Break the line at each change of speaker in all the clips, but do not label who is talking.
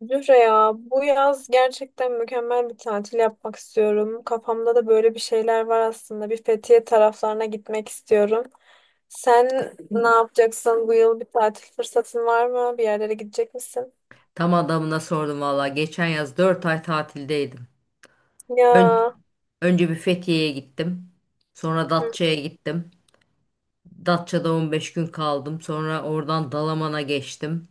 Zühre, ya bu yaz gerçekten mükemmel bir tatil yapmak istiyorum. Kafamda da böyle bir şeyler var aslında. Bir Fethiye taraflarına gitmek istiyorum. Sen ne yapacaksın bu yıl, bir tatil fırsatın var mı? Bir yerlere gidecek misin?
Tam adamına sordum valla. Geçen yaz 4 ay tatildeydim. Ön-
Ya,
Önce bir Fethiye'ye gittim. Sonra
hı.
Datça'ya gittim. Datça'da 15 gün kaldım. Sonra oradan Dalaman'a geçtim.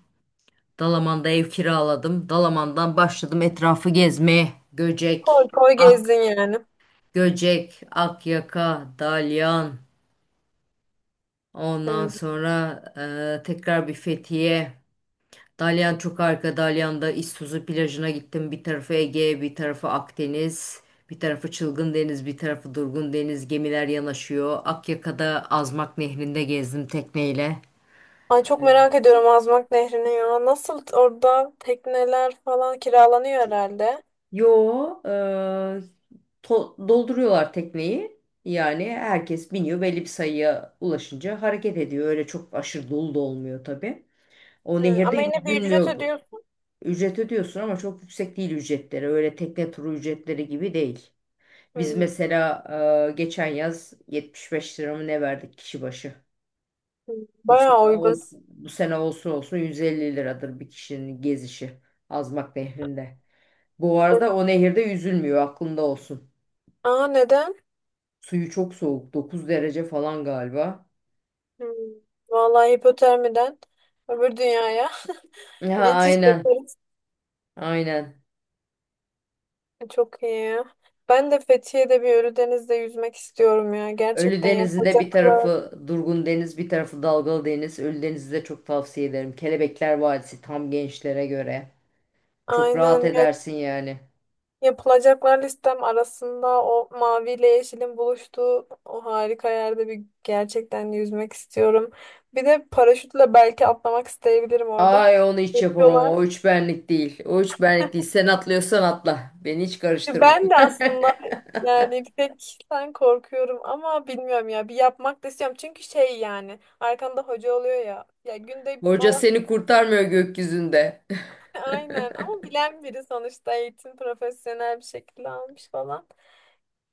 Dalaman'da ev kiraladım. Dalaman'dan başladım etrafı gezmeye.
Koy
Göcek,
koy
Ak,
gezdin yani.
Göcek, Akyaka, Dalyan. Ondan
Hı.
sonra tekrar bir Fethiye. Dalyan çok arka. Dalyan'da İztuzu plajına gittim. Bir tarafı Ege, bir tarafı Akdeniz, bir tarafı Çılgın Deniz, bir tarafı Durgun Deniz. Gemiler yanaşıyor. Akyaka'da Azmak Nehri'nde gezdim tekneyle.
Ay, çok merak ediyorum Azmak Nehri'ni ya. Nasıl, orada tekneler falan kiralanıyor herhalde.
Yo, e, dolduruyorlar tekneyi. Yani herkes biniyor, belli bir sayıya ulaşınca hareket ediyor. Öyle çok aşırı dolu da olmuyor tabii. O
Hı.
nehirde
Ama yine bir ücret
yüzülmüyor bu.
ödüyorsun.
Ücret ödüyorsun ama çok yüksek değil ücretleri. Öyle tekne turu ücretleri gibi değil. Biz
Hı.
mesela geçen yaz 75 lira mı ne verdik kişi başı.
Hı.
Bu
Bayağı
sene
uygun.
olsun, bu sene olsun 150 liradır bir kişinin gezişi Azmak Nehri'nde. Bu arada o nehirde yüzülmüyor, aklında olsun.
Aa, neden?
Suyu çok soğuk, 9 derece falan galiba.
Hmm. Vallahi hipotermiden öbür dünyaya
Ha,
geçiş
aynen,
yaparız.
aynen.
Çok iyi ya. Ben de Fethiye'de, bir Ölüdeniz'de yüzmek istiyorum ya.
Ölü
Gerçekten
Denizi'nde bir
yapacaklar.
tarafı durgun deniz, bir tarafı dalgalı deniz. Ölü Deniz'i de çok tavsiye ederim. Kelebekler Vadisi tam gençlere göre. Çok rahat
Aynen yani,
edersin yani.
yapılacaklar listem arasında o maviyle yeşilin buluştuğu o harika yerde bir gerçekten yüzmek istiyorum. Bir de paraşütle belki atlamak isteyebilirim orada.
Ay, onu hiç yapamam.
Yapıyorlar.
O üç benlik değil. O üç benlik değil. Sen atlıyorsan atla. Beni hiç karıştırma.
Ben de aslında yani bir tek korkuyorum ama bilmiyorum ya, bir yapmak da istiyorum. Çünkü şey yani, arkanda hoca oluyor ya. Ya günde
Hoca
Allah bilir
seni kurtarmıyor gökyüzünde.
aynen, ama bilen biri sonuçta eğitim profesyonel bir şekilde almış falan.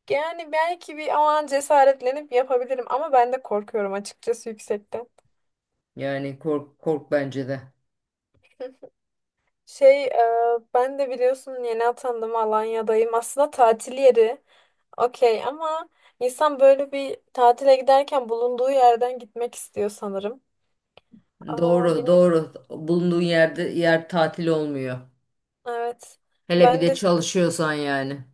Yani belki bir o an cesaretlenip yapabilirim, ama ben de korkuyorum açıkçası yüksekten.
Yani kork kork bence de.
Şey e, ben de biliyorsun yeni atandım, Alanya'dayım. Aslında tatil yeri. Okey ama insan böyle bir tatile giderken bulunduğu yerden gitmek istiyor sanırım. Aa,
Doğru,
bilmiyorum.
doğru. Bulunduğun yerde yer tatil olmuyor.
Evet.
Hele bir
Ben
de
de şey,
çalışıyorsan yani.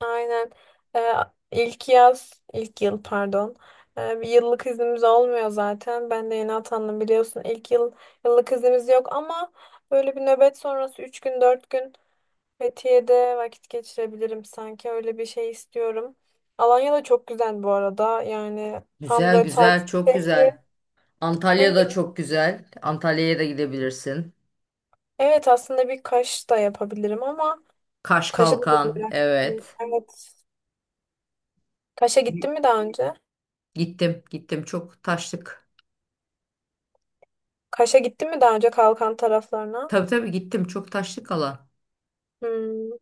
aynen Ee, ilk yaz, ilk yıl, pardon. Bir yıllık iznimiz olmuyor zaten. Ben de yeni atandım biliyorsun. İlk yıl yıllık iznimiz yok, ama böyle bir nöbet sonrası 3 gün 4 gün Fethiye'de vakit geçirebilirim sanki. Öyle bir şey istiyorum. Alanya da çok güzel bu arada. Yani tam
Güzel,
böyle
güzel,
tatil
çok
şehri.
güzel. Antalya da çok güzel. Antalya'ya da gidebilirsin.
Evet, aslında bir kaş da yapabilirim, ama
Kaş
kaşa da bir
Kalkan,
merak ediyorum.
evet.
Evet. Kaş'a gittin mi daha önce?
Gittim, gittim. Çok taşlık.
Kaş'a gittin mi daha önce, Kalkan taraflarına?
Tabii tabii gittim. Çok taşlık alan.
Hmm,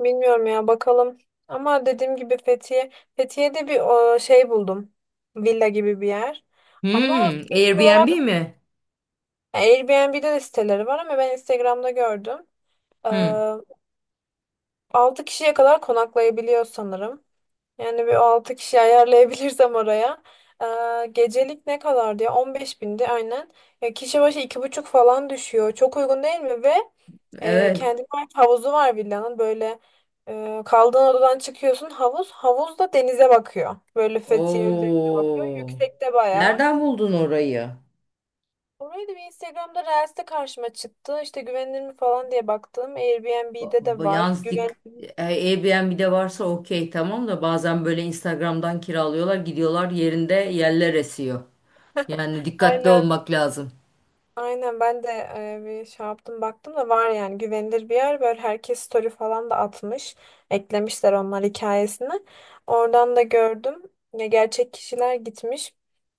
Bilmiyorum ya, bakalım. Ama dediğim gibi Fethiye. Fethiye'de bir şey buldum. Villa gibi bir yer. Ama
Hmm,
fiyat olarak
Airbnb mi?
Airbnb'de de siteleri var, ama ben Instagram'da gördüm. Ee,
Hmm.
6 kişiye kadar konaklayabiliyor sanırım. Yani bir 6 kişi ayarlayabilirsem oraya. Gecelik ne kadar diye 15 bindi aynen. Ya kişi başı iki buçuk falan düşüyor. Çok uygun değil mi? Ve
Evet.
kendine ait havuzu var villanın. Böyle kaldığın odadan çıkıyorsun, havuz. Havuz da denize bakıyor. Böyle Fethiye Ölü denize bakıyor.
Oo.
Yüksekte bayağı.
Nereden buldun orayı?
Orayı da bir Instagram'da Reels'te karşıma çıktı. İşte güvenilir mi falan diye baktım. Airbnb'de de var.
Yalnız
Güven
Airbnb'de varsa okey, tamam da bazen böyle Instagram'dan kiralıyorlar, gidiyorlar yerinde yerler esiyor. Yani dikkatli
aynen,
olmak lazım.
aynen, ben de bir şey yaptım, baktım da var yani, güvenilir bir yer. Böyle herkes story falan da atmış, eklemişler onlar hikayesini, oradan da gördüm, ya gerçek kişiler gitmiş,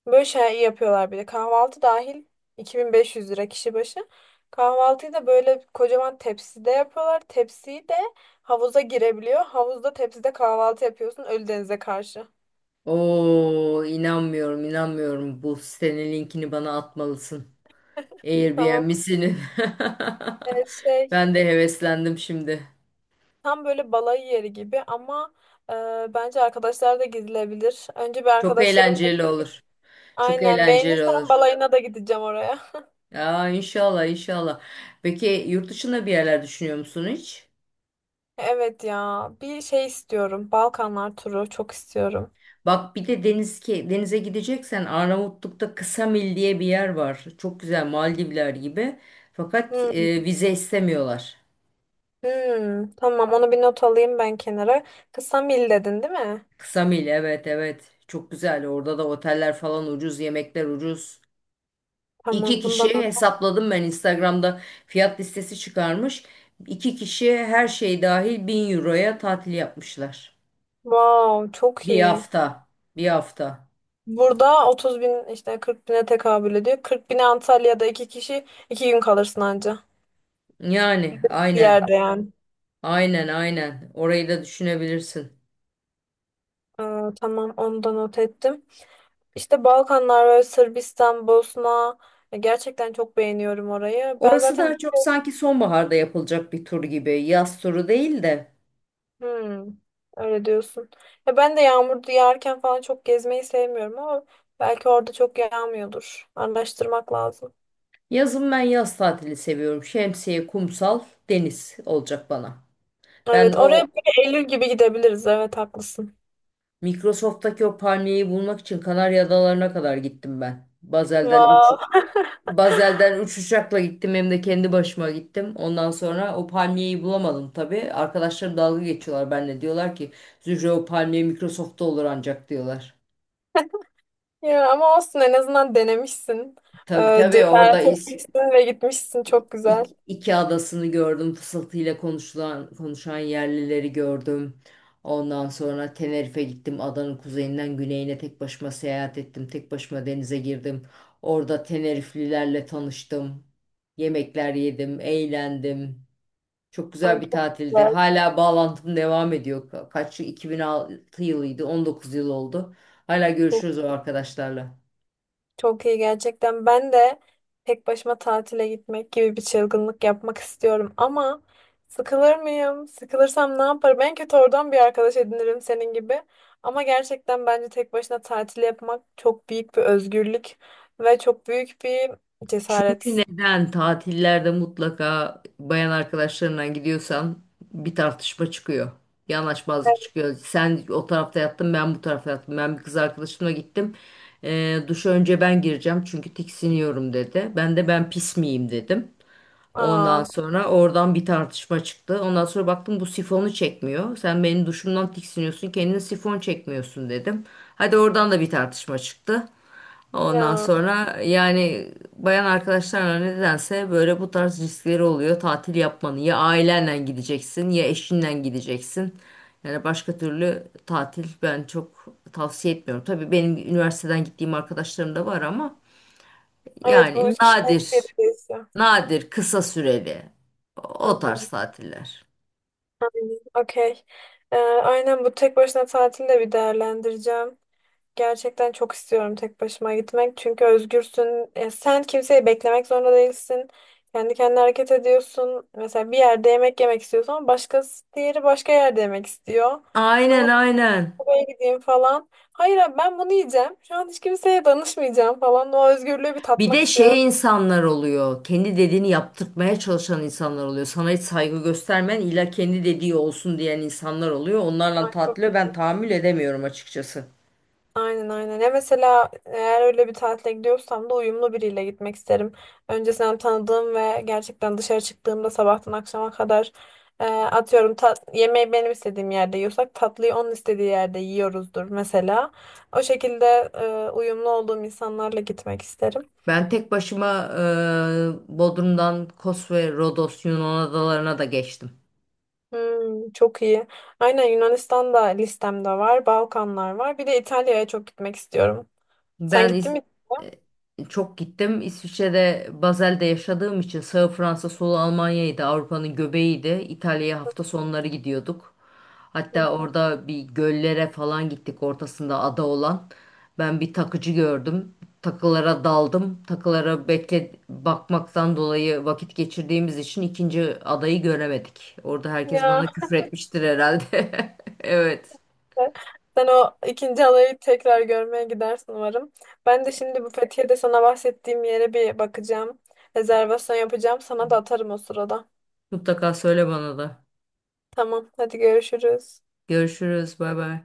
böyle şey yapıyorlar. Bir de kahvaltı dahil 2.500 lira kişi başı. Kahvaltıyı da böyle kocaman tepside yapıyorlar, tepsiyi de havuza girebiliyor, havuzda tepside kahvaltı yapıyorsun Ölüdeniz'e karşı.
Oo, inanmıyorum, inanmıyorum. Bu sitenin linkini bana atmalısın.
Tamam.
Airbnb'sini.
Evet,
Ben de heveslendim şimdi.
tam böyle balayı yeri gibi, ama bence arkadaşlar da gidilebilir. Önce bir
Çok
arkadaşlarımla
eğlenceli
gideyim.
olur. Çok
Aynen,
eğlenceli
beğenirsen
olur.
balayına da gideceğim oraya.
Ya inşallah inşallah. Peki yurt dışında bir yerler düşünüyor musun hiç?
Evet ya, bir şey istiyorum. Balkanlar turu çok istiyorum.
Bak bir de deniz, ki denize gideceksen Arnavutluk'ta Ksamil diye bir yer var. Çok güzel, Maldivler gibi. Fakat
Hmm,
vize istemiyorlar.
hmm. Tamam, onu bir not alayım ben kenara. Kısa mil dedin değil mi?
Ksamil, evet evet. Çok güzel. Orada da oteller falan ucuz, yemekler ucuz. İki
Tamam,
kişi
bundan not.
hesapladım, ben Instagram'da fiyat listesi çıkarmış. İki kişi her şey dahil 1.000 euroya tatil yapmışlar.
Wow, çok
Bir
iyi.
hafta. Bir hafta.
Burada 30 bin işte 40 bine tekabül ediyor. 40 bine Antalya'da iki kişi 2 gün kalırsın anca.
Yani
Bir
aynen.
yerde yani.
Aynen aynen. Orayı da düşünebilirsin.
Aa, tamam, onu da not ettim. İşte Balkanlar ve Sırbistan, Bosna, ya gerçekten çok beğeniyorum orayı. Ben
Orası
zaten
daha çok sanki sonbaharda yapılacak bir tur gibi. Yaz turu değil de.
hmm, öyle diyorsun. Ya ben de yağmur yağarken falan çok gezmeyi sevmiyorum, ama belki orada çok yağmıyordur. Araştırmak lazım.
Yazın ben yaz tatili seviyorum. Şemsiye, kumsal, deniz olacak bana. Ben
Evet,
o
oraya böyle Eylül gibi gidebiliriz. Evet, haklısın.
Microsoft'taki o palmiyeyi bulmak için Kanarya Adaları'na kadar gittim ben.
Wow.
Bazel'den 3 uçakla gittim, hem de kendi başıma gittim. Ondan sonra o palmiyeyi bulamadım tabii. Arkadaşlarım dalga geçiyorlar benimle. Diyorlar ki Zühre, o palmiye Microsoft'ta olur ancak diyorlar.
Ya ama olsun, en azından denemişsin.
Tabii tabii orada
Cesaret etmişsin ve gitmişsin. Çok güzel.
iki adasını gördüm. Fısıltıyla konuşulan, konuşan yerlileri gördüm. Ondan sonra Tenerife'ye gittim. Adanın kuzeyinden güneyine tek başıma seyahat ettim. Tek başıma denize girdim. Orada Teneriflilerle tanıştım. Yemekler yedim, eğlendim. Çok
Ay,
güzel bir
çok
tatildi.
güzel.
Hala bağlantım devam ediyor. Kaç yıl? 2006 yılıydı. 19 yıl oldu. Hala görüşürüz o arkadaşlarla.
Çok iyi gerçekten. Ben de tek başıma tatile gitmek gibi bir çılgınlık yapmak istiyorum, ama sıkılır mıyım? Sıkılırsam ne yaparım? En kötü oradan bir arkadaş edinirim senin gibi. Ama gerçekten bence tek başına tatil yapmak çok büyük bir özgürlük ve çok büyük bir
Çünkü
cesaret.
neden, tatillerde mutlaka bayan arkadaşlarına gidiyorsan bir tartışma çıkıyor. Bir anlaşmazlık çıkıyor. Sen o tarafta yattın, ben bu tarafta yattım. Ben bir kız arkadaşımla gittim. Duşa önce ben gireceğim çünkü tiksiniyorum dedi. Ben de ben pis miyim dedim. Ondan
Aa,
sonra oradan bir tartışma çıktı. Ondan sonra baktım bu sifonu çekmiyor. Sen benim duşumdan tiksiniyorsun, kendine sifon çekmiyorsun dedim. Hadi oradan da bir tartışma çıktı. Ondan
ya.
sonra yani bayan arkadaşlarla nedense böyle bu tarz riskleri oluyor. Tatil yapmanın ya ailenle gideceksin ya eşinle gideceksin. Yani başka türlü tatil ben çok tavsiye etmiyorum. Tabii benim üniversiteden gittiğim arkadaşlarım da var ama
Evet, bu
yani
üç kişiden kişiye de
nadir.
değişiyor.
Nadir, kısa süreli.
Hı
O tarz
hı.
tatiller.
Aynen. Okey. Aynen, bu tek başına tatili de bir değerlendireceğim. Gerçekten çok istiyorum tek başıma gitmek. Çünkü özgürsün. Sen kimseyi beklemek zorunda değilsin. Kendi kendine hareket ediyorsun. Mesela bir yerde yemek yemek istiyorsun, ama başkası, diğeri, başka yerde yemek istiyor.
Aynen
Ama
aynen.
buraya gideyim falan. Hayır abi, ben bunu yiyeceğim. Şu an hiç kimseye danışmayacağım falan. O özgürlüğü bir
Bir
tatmak
de
istiyorum.
şey insanlar oluyor. Kendi dediğini yaptırtmaya çalışan insanlar oluyor. Sana hiç saygı göstermeyen, illa kendi dediği olsun diyen insanlar oluyor. Onlarla
Ay, çok.
tatile ben tahammül edemiyorum açıkçası.
Aynen, aynen. Ya mesela eğer öyle bir tatile gidiyorsam da uyumlu biriyle gitmek isterim. Öncesinden tanıdığım ve gerçekten dışarı çıktığımda sabahtan akşama kadar atıyorum, yemeği benim istediğim yerde yiyorsak, tatlıyı onun istediği yerde yiyoruzdur mesela. O şekilde uyumlu olduğum insanlarla gitmek isterim.
Ben tek başıma Bodrum'dan Kos ve Rodos Yunan adalarına da geçtim.
Çok iyi. Aynen, Yunanistan da listemde var. Balkanlar var. Bir de İtalya'ya çok gitmek istiyorum. Sen
Ben
gittin
İs-
mi?
Çok gittim. İsviçre'de Basel'de yaşadığım için sağ Fransa, solu Almanya'ydı. Avrupa'nın göbeğiydi. İtalya'ya hafta sonları gidiyorduk.
Hı
Hatta
hı.
orada bir göllere falan gittik, ortasında ada olan. Ben bir takıcı gördüm. Takılara daldım. Takılara bekle bakmaktan dolayı vakit geçirdiğimiz için ikinci adayı göremedik. Orada herkes
Ya,
bana küfür etmiştir herhalde. Evet.
sen o ikinci halayı tekrar görmeye gidersin umarım. Ben de şimdi bu Fethiye'de sana bahsettiğim yere bir bakacağım. Rezervasyon yapacağım. Sana da atarım o sırada.
Mutlaka söyle bana da.
Tamam, hadi görüşürüz.
Görüşürüz. Bay bay.